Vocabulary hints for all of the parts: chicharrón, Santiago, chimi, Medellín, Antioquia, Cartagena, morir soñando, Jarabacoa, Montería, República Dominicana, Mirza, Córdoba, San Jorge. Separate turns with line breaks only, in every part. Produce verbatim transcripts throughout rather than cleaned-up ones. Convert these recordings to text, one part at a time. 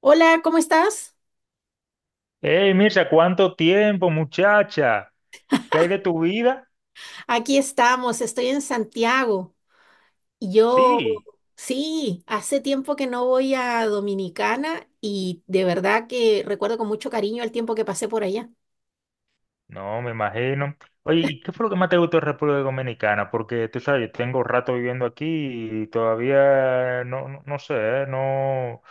Hola, ¿cómo estás?
Hey, Mirza, ¿cuánto tiempo, muchacha? ¿Qué hay de tu vida?
Aquí estamos, estoy en Santiago. Y yo,
Sí,
sí, hace tiempo que no voy a Dominicana y de verdad que recuerdo con mucho cariño el tiempo que pasé por allá.
no, me imagino. Oye, ¿y qué fue lo que más te gustó de República Dominicana? Porque tú sabes, yo tengo rato viviendo aquí y todavía no, no, no sé, eh, no,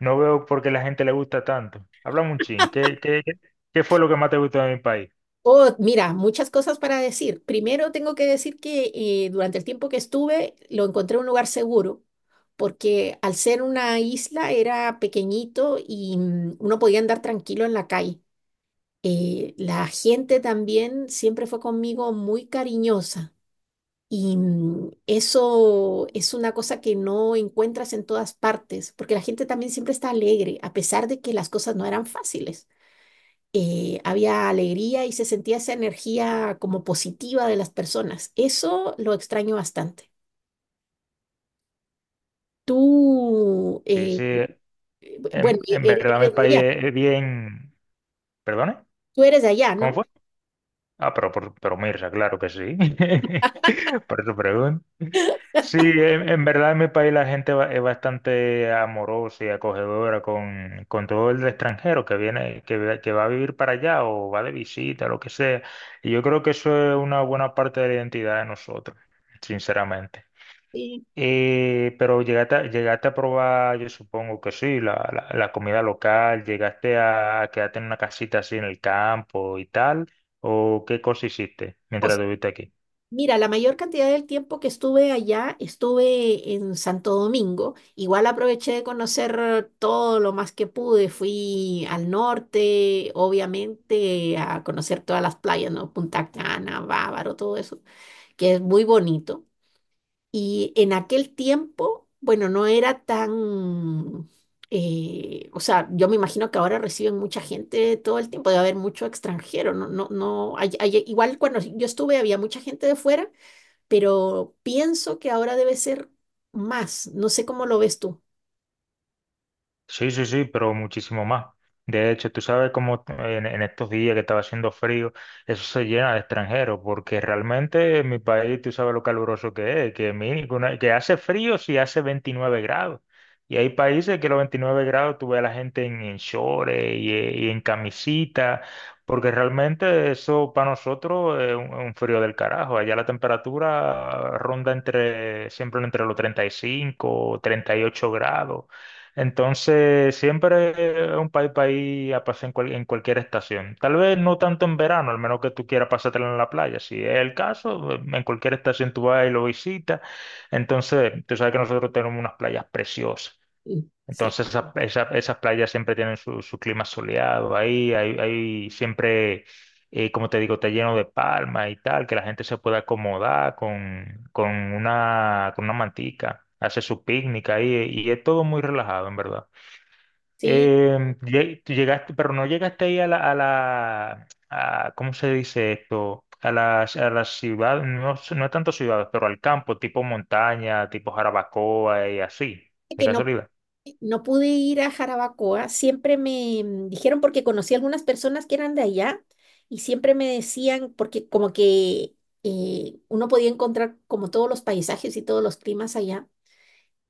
no veo por qué la gente le gusta tanto. Háblame un chin, ¿qué, qué, qué qué fue lo que más te gustó de mi país?
Oh, mira, muchas cosas para decir. Primero tengo que decir que eh, durante el tiempo que estuve lo encontré un lugar seguro, porque al ser una isla era pequeñito y mm, uno podía andar tranquilo en la calle. Eh, la gente también siempre fue conmigo muy cariñosa. Y mm, eso es una cosa que no encuentras en todas partes, porque la gente también siempre está alegre, a pesar de que las cosas no eran fáciles. Eh, había alegría y se sentía esa energía como positiva de las personas. Eso lo extraño bastante. Tú,
Sí,
eh,
sí,
bu- bueno,
en,
e-
en
e-
verdad mi
Eres de
país
allá,
es es bien. ¿Perdone?
tú eres de allá,
¿Cómo
¿no?
fue? Ah, pero, por- pero Mirza, claro que sí. Por eso pregunto. Sí, en, en verdad en mi país la gente ba- es bastante amorosa y acogedora con, con todo el extranjero que viene, que, ve- que va a vivir para allá o va de visita, lo que sea. Y yo creo que eso es una buena parte de la identidad de nosotros, sinceramente.
Sí.
Eh, pero llegaste, a- llegaste a probar, yo supongo que sí, la, la, la comida local, llegaste a, a quedarte en una casita así en el campo y tal, ¿o qué cosa hiciste
O
mientras estuviste aquí?
Mira, la mayor cantidad del tiempo que estuve allá estuve en Santo Domingo. Igual aproveché de conocer todo lo más que pude. Fui al norte, obviamente, a conocer todas las playas, ¿no? Punta Cana, Bávaro, todo eso, que es muy bonito. Y en aquel tiempo, bueno, no era tan… eh, o sea, yo me imagino que ahora reciben mucha gente todo el tiempo, debe haber mucho extranjero, no, no, no, hay- hay- igual cuando yo estuve había mucha gente de fuera, pero pienso que ahora debe ser más. No sé cómo lo ves tú.
Sí, sí, sí, pero muchísimo más. De hecho, tú sabes cómo en, en estos días que estaba haciendo frío, eso se llena de extranjeros, porque realmente en mi país tú sabes lo caluroso que es, que, mínimo, una- que hace frío si hace veintinueve grados. Y hay países que los veintinueve grados tú ves a la gente en, en shorts y, eh, y en camisita, porque realmente eso para nosotros es un, un frío del carajo. Allá la temperatura ronda entre, siempre entre los treinta treinta y cinco, treinta y ocho grados. Entonces, siempre es un país para ir a pasar en, cual- en cualquier estación. Tal vez no tanto en verano, al menos que tú quieras pasártelo en la playa. Si es el caso, en cualquier estación tú vas y lo visitas. Entonces, tú sabes que nosotros tenemos unas playas preciosas.
Mm. Sí,
Entonces, esa- esa- esas playas siempre tienen su, su clima soleado. Ahí, hay, hay siempre, eh, como te digo, está lleno de palmas y tal, que la gente se puede acomodar con, con una, con una mantica. Hace su picnic ahí y es todo muy relajado, en verdad.
sí,
Eh, lle- tú llegaste, pero no llegaste ahí a la, a la a- ¿cómo se dice esto? A las a las ciudades no, es- no tanto ciudades pero al campo, tipo montaña, tipo Jarabacoa y así, de
que no,
casualidad.
no pude ir a Jarabacoa, siempre me mm, dijeron porque conocí algunas personas que eran de allá y siempre me decían, porque como que eh, uno podía encontrar como todos los paisajes y todos los climas allá,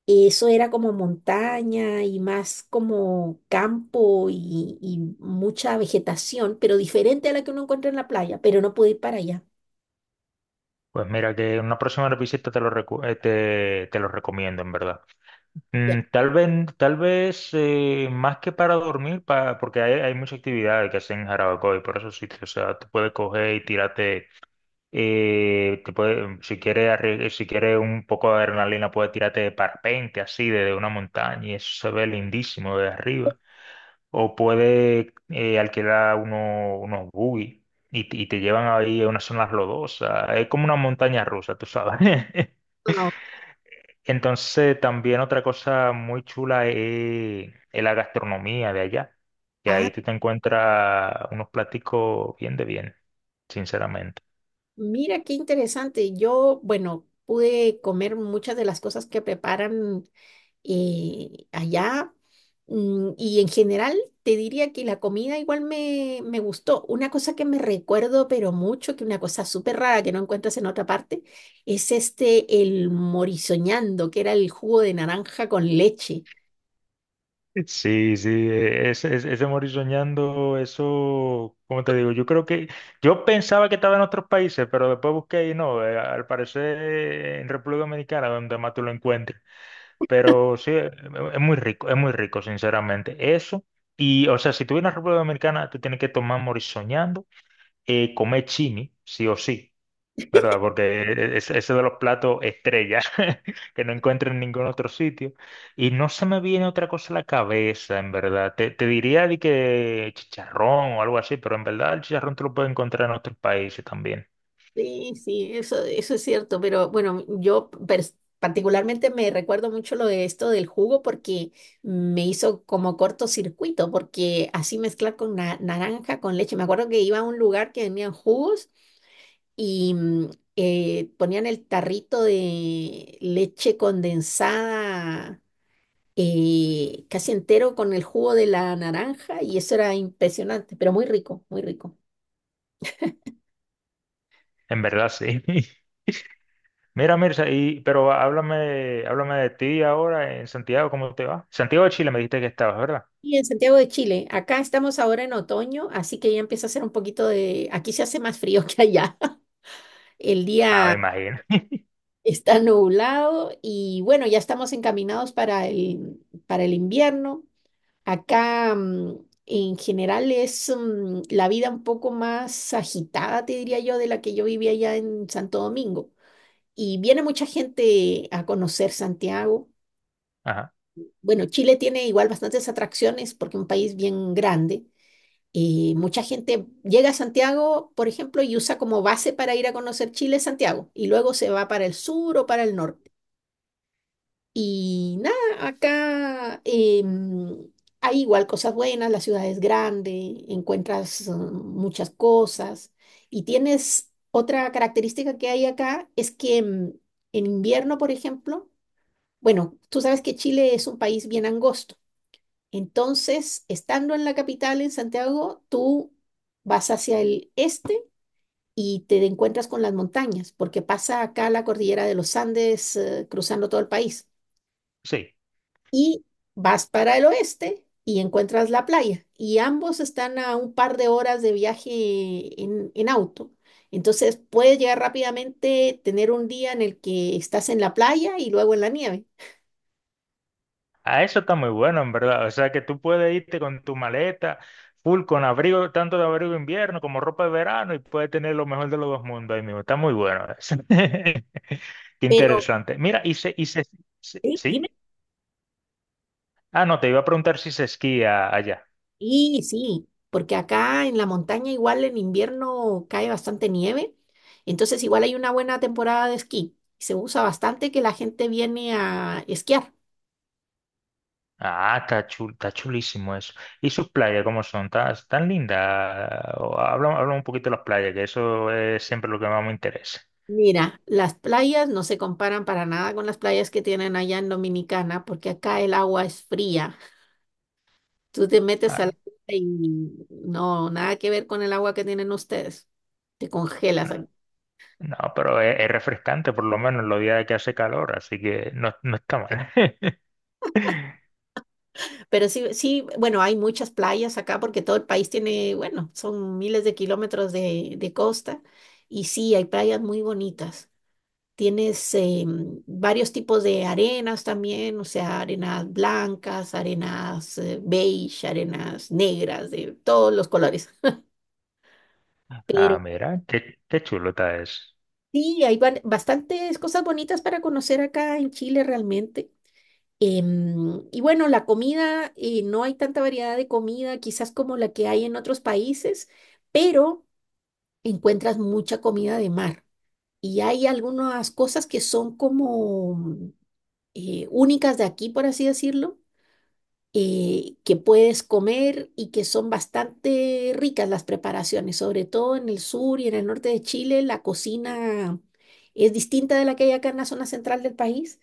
eso era como montaña y más como campo y, y mucha vegetación, pero diferente a la que uno encuentra en la playa, pero no pude ir para allá.
Pues mira, que en una próxima visita te lo, recu- eh, te, te lo recomiendo, en verdad.
Ya.
Mm, tal vez, tal vez eh, más que para dormir, pa- porque hay, hay muchas actividades que hacen en Jarabacoa y por esos sitios, o sea, tú puedes coger y tirarte. Y te puede- si quieres, arri- si quieres un poco de adrenalina, puedes tirarte de parpente así desde una montaña y eso se ve lindísimo de arriba. O puedes eh, alquilar uno- unos buggy y, te y te llevan ahí a unas zonas lodosas. Es como una montaña rusa, tú sabes.
Ah,
Entonces, también otra cosa muy chula es, es la gastronomía de allá, que
ah,
ahí tú te encuentras unos platicos bien de bien, sinceramente.
mira qué interesante. Yo, bueno, pude comer muchas de las cosas que preparan eh, allá. mm, Y en general te diría que la comida igual me, me gustó. Una cosa que me recuerdo, pero mucho, que una cosa súper rara que no encuentras en otra parte, es este, el morisoñando, que era el jugo de naranja con leche.
Sí, sí, eh, ese, ese, ese morir soñando, eso, como te digo, yo creo que, yo pensaba que estaba en otros países, pero después busqué y no, eh, al parecer eh, en República Dominicana, donde más tú lo encuentres. Pero sí, eh, es muy rico, es muy rico, sinceramente. Eso, y o sea, si tú vienes a República Dominicana, tú tienes que tomar morir soñando, eh, comer chimi, sí o sí. ¿Verdad? Porque es- ese de los platos estrella, que no encuentro en ningún otro sitio. Y no se me viene otra cosa a la cabeza, en verdad. Te, te diría de que chicharrón o algo así, pero en verdad el chicharrón te lo puedes encontrar en otros países también.
Sí, sí, eso, eso es cierto, pero bueno, yo pers- particularmente me recuerdo mucho lo de esto del jugo porque me hizo como cortocircuito, porque así mezclar con na- naranja, con leche. Me acuerdo que iba a un lugar que vendían jugos y mm, eh, ponían el tarrito de leche condensada eh, casi entero con el jugo de la naranja y eso era impresionante, pero muy rico, muy rico.
En verdad, sí. Mira, Mirza, y, pero háblame, háblame de ti ahora en Santiago, ¿cómo te va? Santiago de Chile me dijiste que estabas, ¿verdad?
Y en Santiago de Chile, acá estamos ahora en otoño, así que ya empieza a hacer un poquito de, aquí se hace más frío que allá. El
Ah, me
día
imagino.
está nublado y bueno, ya estamos encaminados para el, para el invierno. Acá mm, en general es mm, la vida un poco más agitada, te diría yo, de la que yo vivía allá en Santo Domingo. Y viene mucha gente a conocer Santiago.
Ajá,
Bueno, Chile tiene igual bastantes atracciones porque es un país bien grande, y mucha gente llega a Santiago, por ejemplo, y usa como base para ir a conocer Chile Santiago, y luego se va para el sur o para el norte. Y nada, acá em, hay igual cosas buenas, la ciudad es grande, encuentras eh, muchas cosas, y tienes otra característica que hay acá, es que em, en invierno, por ejemplo, bueno, tú sabes que Chile es un país bien angosto. Entonces, estando en la capital, en Santiago, tú vas hacia el este y te encuentras con las montañas, porque pasa acá la cordillera de los Andes, eh, cruzando todo el país.
sí.
Y vas para el oeste y encuentras la playa. Y ambos están a un par de horas de viaje en, en auto. Entonces, puedes llegar rápidamente, tener un día en el que estás en la playa y luego en la nieve.
Ah, eso está muy bueno, en verdad. O sea, que tú puedes irte con tu maleta, full, con abrigo, tanto de abrigo de invierno como ropa de verano, y puedes tener lo mejor de los dos mundos ahí mismo. Está muy bueno eso. Qué
Pero,
interesante. Mira, y se, y se, se-
Sí,
¿sí?
dime.
Ah, no, te iba a preguntar si se esquía allá.
Y sí, porque acá en la montaña igual en invierno cae bastante nieve, entonces igual hay una buena temporada de esquí. Se usa bastante que la gente viene a esquiar.
Ah, está chul, está chulísimo eso. ¿Y sus playas cómo son? ¿Tan, tan lindas? Habla, habla un poquito de las playas, que eso es siempre lo que más me interesa.
Mira, las playas no se comparan para nada con las playas que tienen allá en Dominicana, porque acá el agua es fría. Tú te metes
Ah,
al agua y no, nada que ver con el agua que tienen ustedes. Te congelas.
no, no, pero es, es refrescante por lo menos en los días que hace calor, así que no, no está mal.
Pero sí, sí, bueno, hay muchas playas acá porque todo el país tiene, bueno, son miles de kilómetros de, de costa y sí, hay playas muy bonitas. Tienes eh, varios tipos de arenas también, o sea, arenas blancas, arenas eh, beige, arenas negras, de todos los colores. Pero
Ah, mira, qué, qué chulo está eso.
sí, hay ban- bastantes cosas bonitas para conocer acá en Chile realmente. Em, y bueno, la comida, eh, no hay tanta variedad de comida quizás como la que hay en otros países, pero encuentras mucha comida de mar. Y hay algunas cosas que son como eh, únicas de aquí, por así decirlo, eh, que puedes comer y que son bastante ricas las preparaciones, sobre todo en el sur y en el norte de Chile, la cocina es distinta de la que hay acá en la zona central del país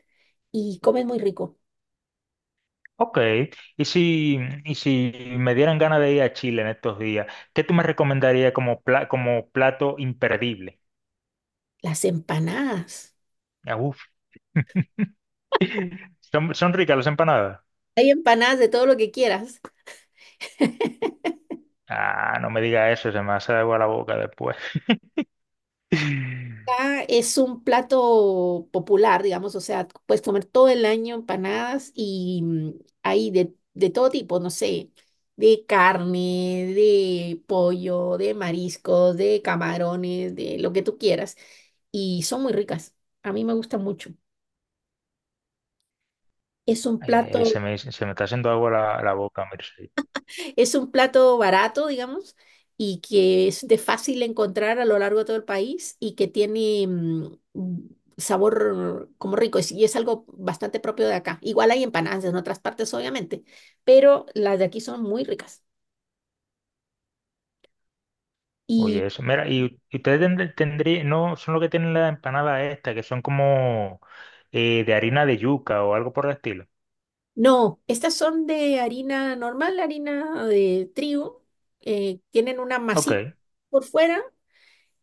y comen muy rico.
Ok, y si, y si me dieran ganas de ir a Chile en estos días, ¿qué tú me recomendarías como, pla- como plato imperdible?
Las empanadas.
Ah, uf. ¿Son, son ricas las empanadas?
Hay empanadas de todo lo que quieras.
Ah, no me diga eso, se me hace agua la boca después.
Acá es un plato popular, digamos, o sea, puedes comer todo el año empanadas y mm, hay de, de todo tipo, no sé, de carne, de pollo, de mariscos, de camarones, de lo que tú quieras. Y son muy ricas. A mí me gusta mucho. Es un
Ay, ay, ay,
plato
se me, se me está haciendo agua la, la boca, mira.
Es un plato barato, digamos, y que es de fácil encontrar a lo largo de todo el país y que tiene mm, mm, sabor como rico es- y es algo bastante propio de acá. Igual hay empanadas en otras partes, obviamente, pero las de aquí son muy ricas. Y
Oye, eso. Mira, y y ustedes tendrían, no son los que tienen la empanada esta, que son como eh, de harina de yuca o algo por el estilo.
no, estas son de harina normal, harina de trigo, eh, tienen una masita
Ok.
por fuera.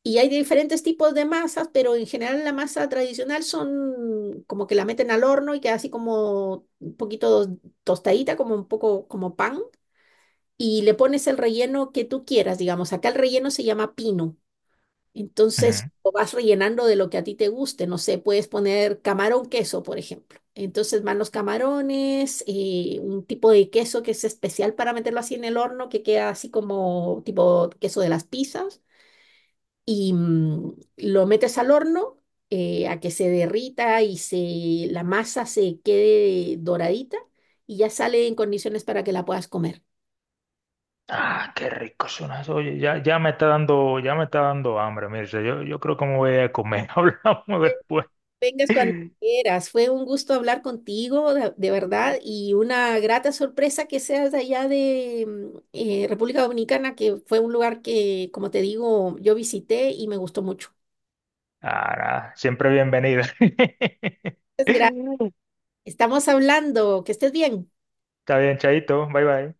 Y hay diferentes tipos de masas, pero en general la masa tradicional son como que la meten al horno y queda así como un poquito tostadita, como un poco como pan, y le pones el relleno que tú quieras, digamos. Acá el relleno se llama pino. Entonces
Ujú.
lo vas rellenando de lo que a ti te guste. No sé, puedes poner camarón queso, por ejemplo. Entonces van los camarones, eh, un tipo de queso que es especial para meterlo así en el horno, que queda así como tipo queso de las pizzas y mm, lo metes al horno eh, a que se derrita y se, la masa se quede doradita y ya sale en condiciones para que la puedas comer.
Ah, qué rico suena eso. Oye, ya, ya me está dando, ya me está dando hambre. Mira, o sea, yo, yo creo que me voy a comer. Hablamos después.
Vengas cuando quieras. Fue un gusto hablar contigo, de, de verdad, y una grata sorpresa que seas de allá de mm, eh, República Dominicana, que fue un lugar que, como te digo, yo visité y me gustó mucho.
Ah, nada, siempre bienvenida.
Muchas gracias.
Está
Estamos hablando. Que estés bien.
bien, Chaito. Bye bye.